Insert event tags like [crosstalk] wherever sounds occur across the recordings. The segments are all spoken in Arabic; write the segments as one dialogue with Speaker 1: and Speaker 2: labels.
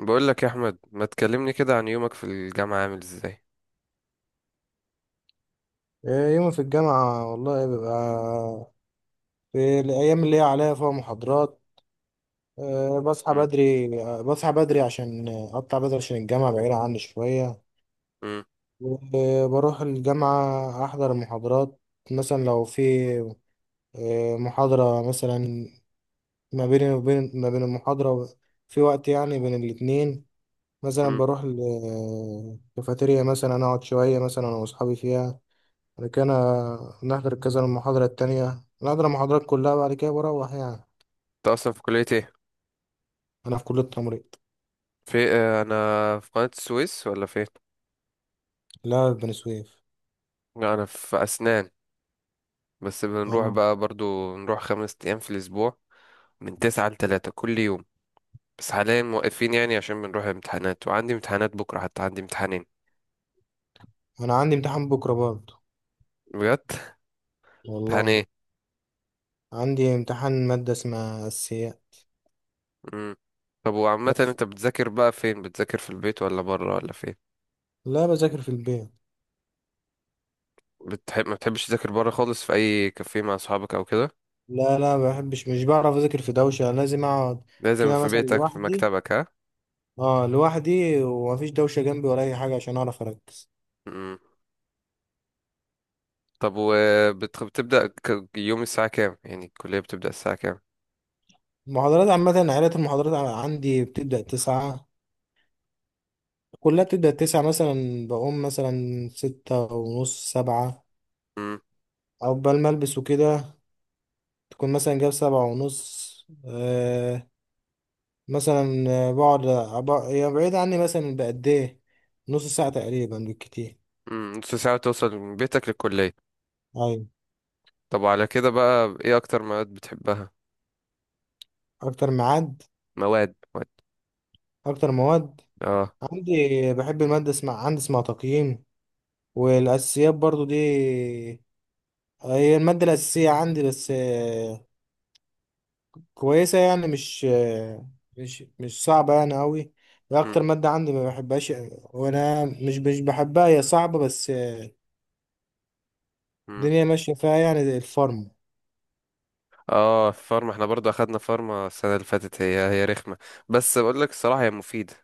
Speaker 1: بقول لك يا احمد، ما تكلمني كده عن يومك في الجامعه عامل ازاي؟
Speaker 2: يومي في الجامعة والله بيبقى في الأيام اللي هي عليا فيها محاضرات. بصحى
Speaker 1: مم.
Speaker 2: بدري. بصحى بدري عشان أقطع بدري عشان الجامعة بعيدة عني شوية.
Speaker 1: مم.
Speaker 2: وبروح الجامعة أحضر المحاضرات. مثلا لو في محاضرة، مثلا ما بين المحاضرة في وقت يعني بين الاتنين، مثلا
Speaker 1: مم.
Speaker 2: بروح الكافيتيريا مثلا أقعد شوية مثلا أنا وأصحابي فيها. بعد كده نحضر المحاضرة التانية، نحضر المحاضرات كلها، بعد كده بروح يعني.
Speaker 1: انت اصلا في كليه ايه؟
Speaker 2: أنا في كلية تمريض.
Speaker 1: في آه، انا في قناه السويس ولا فين؟
Speaker 2: لا، في بني سويف.
Speaker 1: لا، انا في اسنان. بس بنروح
Speaker 2: اه،
Speaker 1: بقى برضو نروح 5 ايام في الاسبوع، من 9 لـ3 كل يوم. بس حاليا موقفين، يعني عشان بنروح امتحانات، وعندي امتحانات بكره، حتى عندي امتحانين.
Speaker 2: أنا عندي امتحان بكرة برضه.
Speaker 1: بجد؟ [laughs] امتحان
Speaker 2: والله
Speaker 1: ايه؟
Speaker 2: عندي امتحان مادة اسمها أسياء.
Speaker 1: مم. طب وعامه
Speaker 2: بس
Speaker 1: انت بتذاكر بقى فين؟ بتذاكر في البيت ولا بره ولا فين؟
Speaker 2: لا، بذاكر في البيت.
Speaker 1: ما بتحبش تذاكر بره خالص في اي كافيه مع اصحابك او كده؟
Speaker 2: لا لا، ما بحبش، مش بعرف أذاكر في دوشة، لازم أقعد
Speaker 1: لازم
Speaker 2: كده
Speaker 1: في
Speaker 2: مثلا
Speaker 1: بيتك في
Speaker 2: لوحدي.
Speaker 1: مكتبك، ها؟
Speaker 2: اه لوحدي، ومفيش دوشة جنبي ولا أي حاجة عشان أعرف أركز.
Speaker 1: مم. طب وبتبدأ يوم الساعة كام؟ يعني الكلية بتبدأ الساعة كام؟
Speaker 2: المحاضرات عامة عائلة المحاضرات عندي بتبدأ تسعة، كلها بتبدأ تسعة. مثلا بقوم مثلا ستة ونص، سبعة،
Speaker 1: مم.
Speaker 2: عقبال ما ألبس وكده تكون مثلا جاب سبعة ونص. آه، مثلا آه، هي بعيد عني، مثلا بقد إيه، نص ساعة تقريبا بالكتير.
Speaker 1: مم. نص ساعة توصل من بيتك للكلية؟
Speaker 2: أيوة.
Speaker 1: طب وعلى كده بقى، ايه أكتر مواد بتحبها؟
Speaker 2: أكتر ميعاد
Speaker 1: مواد مواد.
Speaker 2: أكتر مواد
Speaker 1: اه.
Speaker 2: عندي بحب المادة اسمها عندي اسمها تقييم، والأساسيات برضو دي هي المادة الأساسية عندي. بس كويسة يعني، مش صعبة يعني أوي. هي
Speaker 1: مم.
Speaker 2: أكتر مادة عندي ما بحبهاش، وأنا مش بحبها. هي صعبة بس
Speaker 1: مم.
Speaker 2: الدنيا ماشية فيها يعني، زي الفارم.
Speaker 1: اه، فارما احنا برضو أخدنا فارما السنة اللي فاتت، هي رخمة. بس بقول لك الصراحة هي مفيدة.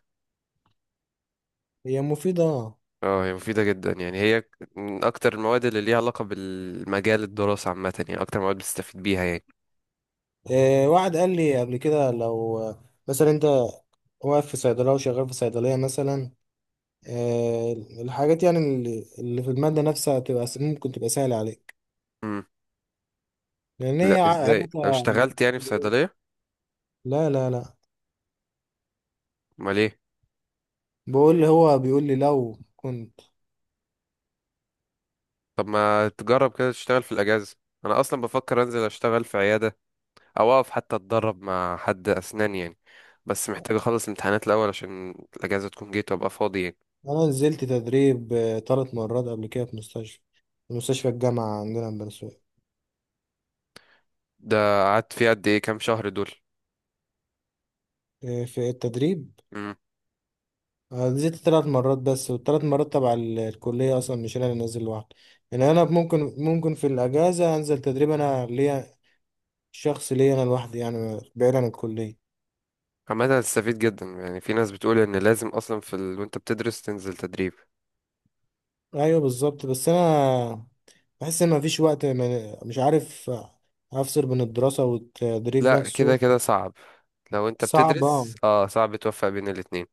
Speaker 2: هي مفيدة آه.
Speaker 1: اه، هي مفيدة جدا، يعني هي من أكتر المواد اللي ليها علاقة بالمجال الدراسة عامة، يعني أكتر مواد بتستفيد بيها يعني.
Speaker 2: آه، واحد قال لي قبل كده لو مثلا أنت واقف في صيدلية وشغال في صيدلية مثلا، آه، الحاجات يعني اللي في المادة نفسها تبقى ممكن تبقى سهلة عليك،
Speaker 1: مم.
Speaker 2: لأن
Speaker 1: لا،
Speaker 2: هي
Speaker 1: ازاي؟ لو
Speaker 2: عادتها.
Speaker 1: اشتغلت يعني في صيدلية؟
Speaker 2: لا،
Speaker 1: امال ايه؟
Speaker 2: بقول لي، هو بيقول لي لو كنت.
Speaker 1: طب ما تجرب كده تشتغل في الاجازه؟ انا اصلا بفكر انزل اشتغل في عياده، او اقف حتى اتدرب مع حد اسنان يعني. بس محتاج اخلص الامتحانات الاول، عشان الاجازه تكون جيت وابقى فاضي يعني.
Speaker 2: انا نزلت تدريب آه، تلات مرات قبل كده في مستشفى، في مستشفى الجامعة عندنا في بني سويف.
Speaker 1: ده، قعدت فيه قد ايه؟ كام شهر دول؟
Speaker 2: آه، في التدريب،
Speaker 1: امم.
Speaker 2: آه، نزلت تلات مرات بس، والتلات مرات تبع الكلية أصلا، مش أنا اللي نازل لوحدي. يعني أنا ممكن في الأجازة أنزل تدريب أنا ليا شخص، ليا أنا لوحدي يعني بعيد عن الكلية.
Speaker 1: عامه هتستفيد جدا، يعني في ناس بتقول ان لازم اصلا وانت بتدرس تنزل تدريب.
Speaker 2: أيوه بالظبط. بس أنا بحس إن مفيش وقت، مش عارف أفصل بين الدراسة والتدريب
Speaker 1: لا، كده
Speaker 2: نفسه.
Speaker 1: كده صعب. لو انت
Speaker 2: صعب آه.
Speaker 1: بتدرس صعب توفق بين الاتنين.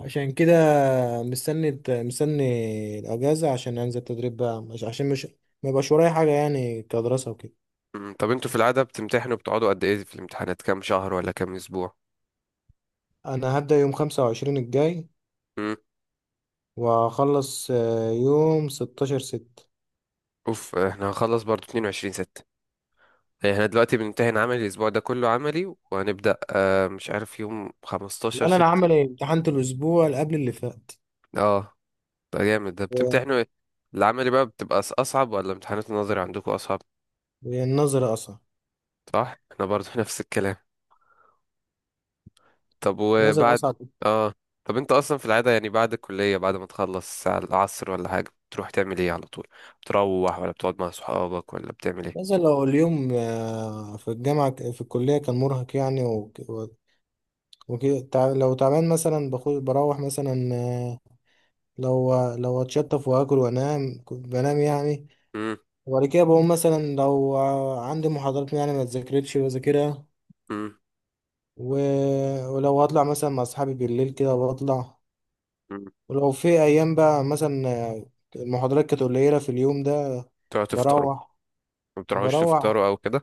Speaker 2: عشان كده مستني مستني الاجازه عشان انزل تدريب بقى، مش عشان مش ما يبقاش ورايا حاجه يعني كدراسه وكده.
Speaker 1: مم. طب انتوا في العاده بتمتحنوا، بتقعدوا قد ايه في الامتحانات؟ كام شهر ولا كام اسبوع؟
Speaker 2: انا هبدا يوم 25 الجاي، واخلص آه، يوم 16 6.
Speaker 1: اوف، احنا هنخلص برضو 22/6. احنا دلوقتي بنمتحن عملي، الاسبوع ده كله عملي، وهنبدأ مش عارف يوم
Speaker 2: لا
Speaker 1: 15
Speaker 2: انا
Speaker 1: 6
Speaker 2: عامل إيه؟ امتحنت الاسبوع اللي قبل اللي فات.
Speaker 1: اه، ده جامد ده،
Speaker 2: و-
Speaker 1: بتمتحنوا ايه؟ العملي بقى بتبقى اصعب ولا امتحانات النظري عندكم اصعب؟
Speaker 2: والنظر اصعب.
Speaker 1: صح، احنا برضو [laughs] نفس الكلام. طب
Speaker 2: نظر
Speaker 1: وبعد.
Speaker 2: اصعب.
Speaker 1: اه. طب انت اصلا في العادة يعني بعد الكلية، بعد ما تخلص على العصر ولا حاجة بتروح تعمل ايه على طول؟ بتروح ولا بتقعد مع صحابك ولا بتعمل ايه؟
Speaker 2: نظر لو اليوم آه، في الجامعه في الكليه كان مرهق يعني، وكده لو تعبان مثلا، باخد بروح مثلا آه، لو اتشطف واكل وانام، كنت بنام يعني.
Speaker 1: امم.
Speaker 2: وبعد كده بقوم، مثلا لو عندي محاضرات يعني ما اتذاكرتش بذاكرها،
Speaker 1: امم.
Speaker 2: و... ولو هطلع مثلا مع اصحابي بالليل كده بطلع. ولو في ايام بقى، مثلا المحاضرات كانت قليله في اليوم ده،
Speaker 1: تقعدوا تفطروا؟
Speaker 2: بروح.
Speaker 1: ما بتروحوش
Speaker 2: بروح
Speaker 1: تفطروا او كده؟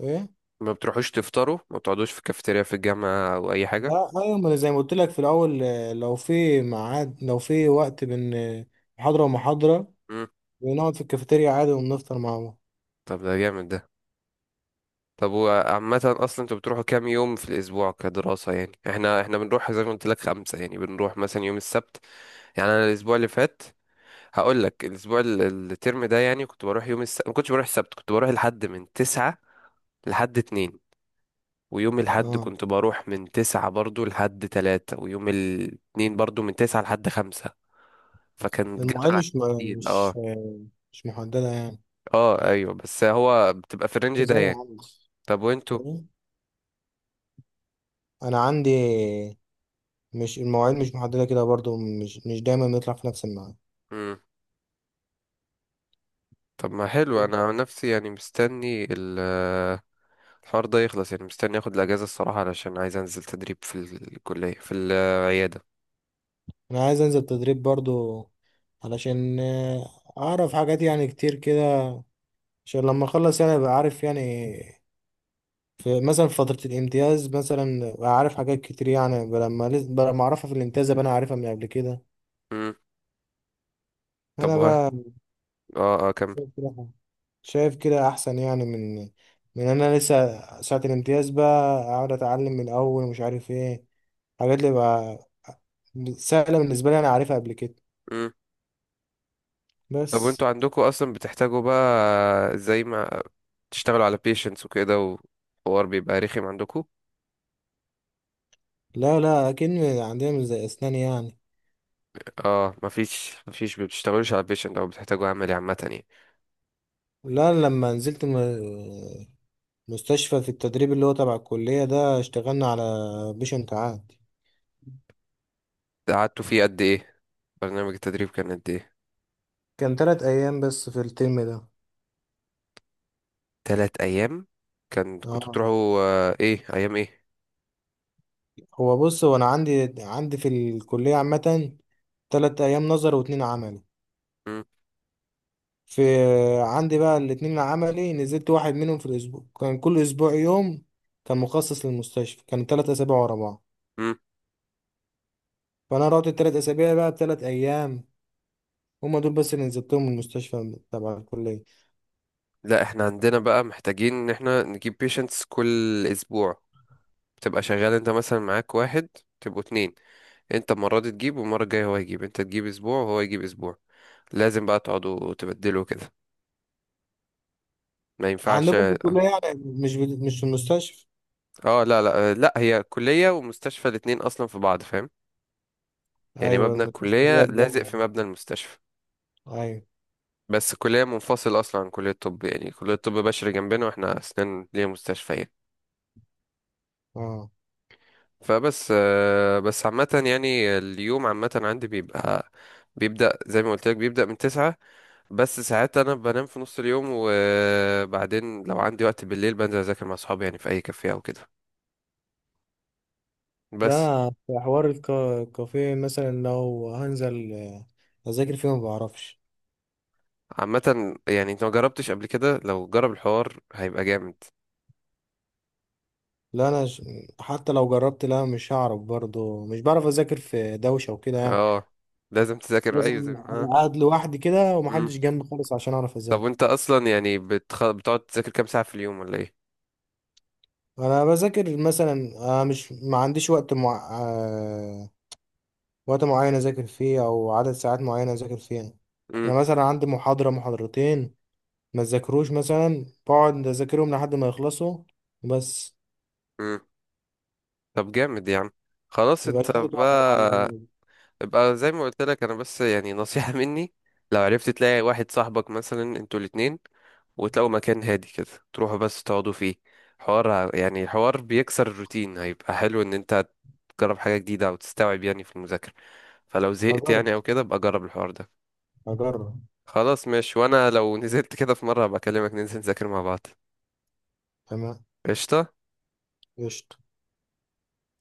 Speaker 2: ايه؟
Speaker 1: ما بتروحوش تفطروا، ما بتقعدوش في كافيتيريا في الجامعة أو أي حاجة؟
Speaker 2: لا ايوه، ما أنا زي ما قلت لك في الاول، لو في ميعاد لو في وقت بين محاضره ومحاضره
Speaker 1: مم.
Speaker 2: بنقعد في الكافيتيريا عادي، وبنفطر مع بعض.
Speaker 1: طب ده جامد ده. طب وعامة أصلا أنتوا بتروحوا كام يوم في الأسبوع كدراسة؟ يعني احنا بنروح زي ما قلت لك خمسة، يعني بنروح مثلا يوم السبت. يعني أنا الأسبوع اللي فات، هقول لك الأسبوع الترم ده يعني، كنت بروح يوم السبت، ما كنتش بروح السبت، كنت بروح لحد من 9 لحد 2، ويوم الحد
Speaker 2: اه.
Speaker 1: كنت بروح من 9 برضو لحد 3، ويوم الاتنين برضو من 9 لحد 5. فكان
Speaker 2: المعاناة
Speaker 1: جدول عندي تقيل. اه.
Speaker 2: مش مش محددة يعني.
Speaker 1: اه ايوه، بس هو بتبقى في الرينج ده
Speaker 2: ازاي يا
Speaker 1: يعني.
Speaker 2: عم؟
Speaker 1: طب وانتوا.
Speaker 2: يعني انا عندي، مش المواعيد مش محددة كده برضو، مش دايما بنطلع في نفس الميعاد.
Speaker 1: مم. طب ما حلو، انا عن نفسي يعني مستني الحوار ده يخلص، يعني مستني اخد الاجازه الصراحه علشان عايز انزل تدريب في الكليه في العياده.
Speaker 2: انا عايز انزل تدريب برضو علشان آه، اعرف حاجات يعني كتير كده، عشان لما اخلص يعني ابقى عارف يعني في مثلا في فترة الامتياز، مثلا ابقى عارف حاجات كتير يعني، لما لما اعرفها في الامتياز ابقى انا عارفها من قبل كده.
Speaker 1: مم. طب
Speaker 2: انا
Speaker 1: وها. اه اه، كمل.
Speaker 2: بقى شايف كده احسن، يعني من انا لسه ساعة الامتياز بقى اقعد اتعلم من الاول، ومش عارف ايه، حاجات اللي بقى سهلة بالنسبة لي انا عارفها قبل كده.
Speaker 1: مم. طب
Speaker 2: بس
Speaker 1: وانتوا عندكم اصلا بتحتاجوا بقى، زي ما تشتغلوا على patients وكده، وحوار بيبقى رخم عندكم؟
Speaker 2: لا لا، اكيد عندنا مش زي اسنان يعني.
Speaker 1: اه، مفيش بتشتغلوش على patient او بتحتاجوا عملي عامه يعني؟
Speaker 2: لا، لما نزلت مستشفى في التدريب اللي هو تبع الكلية ده، اشتغلنا على بيشنت عادي.
Speaker 1: قعدتوا فيه قد ايه؟ برنامج التدريب كان قد ايه؟
Speaker 2: كان تلات ايام بس في الترم ده.
Speaker 1: 3 أيام. كان كنتوا
Speaker 2: اه،
Speaker 1: بتروحوا إيه أيام إيه؟
Speaker 2: هو بص، هو انا عندي في الكلية عامة تلات ايام نظر واتنين عمل.
Speaker 1: مم.
Speaker 2: في عندي بقى الاتنين عملي، نزلت واحد منهم في الأسبوع، كان كل أسبوع يوم كان مخصص للمستشفى، كان تلات أسابيع ورا بعض.
Speaker 1: مم.
Speaker 2: فأنا رحت التلات أسابيع بقى بتلات أيام، هما دول بس اللي نزلتهم من المستشفى تبع الكلية.
Speaker 1: لا، إحنا عندنا بقى محتاجين إن إحنا نجيب patients كل أسبوع. بتبقى شغال، أنت مثلا معاك واحد، تبقوا اتنين، أنت المرة دي تجيب والمرة الجاية هو يجيب، أنت تجيب أسبوع وهو يجيب أسبوع. لازم بقى تقعدوا تبدلوا كده، ما ينفعش.
Speaker 2: عندكم في الكلية
Speaker 1: اه.
Speaker 2: يعني، مش في المستشفى؟
Speaker 1: لا لا، لا، هي كلية ومستشفى الاتنين أصلا في بعض، فاهم؟ يعني
Speaker 2: أيوة،
Speaker 1: مبنى
Speaker 2: المستشفى اللي هي
Speaker 1: الكلية لازق
Speaker 2: الجامعة
Speaker 1: في
Speaker 2: دي.
Speaker 1: مبنى المستشفى.
Speaker 2: أيوة.
Speaker 1: بس كلية منفصلة أصلا عن كلية الطب، يعني كلية الطب بشري جنبنا، وإحنا أسنان ليها مستشفيات.
Speaker 2: أه.
Speaker 1: فبس آه، بس عامة يعني اليوم عامة عندي بيبقى، بيبدأ زي ما قلت لك بيبدأ من تسعة. بس ساعات أنا بنام في نص اليوم، وبعدين لو عندي وقت بالليل بنزل أذاكر مع صحابي يعني في أي كافيه أو كده.
Speaker 2: لا
Speaker 1: بس.
Speaker 2: أنا في حوار الكافيه، مثلا لو هنزل أذاكر فيه ما بعرفش.
Speaker 1: عامة يعني أنت ما جربتش قبل كده، لو جرب الحوار هيبقى جامد.
Speaker 2: لا أنا حتى لو جربت، لا مش هعرف برضه، مش بعرف أذاكر في دوشة وكده يعني.
Speaker 1: اه. لازم تذاكر، أيوة زي
Speaker 2: لازم
Speaker 1: ما
Speaker 2: أبقى
Speaker 1: اه.
Speaker 2: قاعد لوحدي كده
Speaker 1: مم.
Speaker 2: ومحدش جنبي خالص عشان اعرف
Speaker 1: طب
Speaker 2: اذاكر.
Speaker 1: وأنت أصلا يعني بتقعد تذاكر كام ساعة في اليوم ولا إيه؟
Speaker 2: انا بذاكر مثلا آه، مش ما عنديش وقت مع... آه، وقت معين اذاكر فيه او عدد ساعات معينه اذاكر فيها.
Speaker 1: مم.
Speaker 2: انا مثلا عندي محاضره محاضرتين ما اذاكروش، مثلا بقعد اذاكرهم لحد ما يخلصوا بس.
Speaker 1: مم. طب جامد يا عم. خلاص
Speaker 2: ما
Speaker 1: انت
Speaker 2: بقاش حاطط وقت معين
Speaker 1: بقى،
Speaker 2: يعني.
Speaker 1: ابقى زي ما قلت لك، انا بس يعني نصيحة [laughs] مني. لو عرفت تلاقي واحد صاحبك مثلا، انتوا الاتنين، وتلاقوا مكان هادي كده، تروحوا بس تقعدوا فيه. يعني الحوار بيكسر الروتين، هيبقى حلو ان انت تجرب حاجة جديدة او تستوعب يعني في المذاكرة. فلو زهقت
Speaker 2: هجرب
Speaker 1: يعني او كده، ابقى جرب الحوار ده.
Speaker 2: هجرب.
Speaker 1: خلاص ماشي، وانا لو نزلت كده في مرة هبقى اكلمك، ننزل نذاكر مع بعض.
Speaker 2: تمام.
Speaker 1: قشطة.
Speaker 2: قشطة.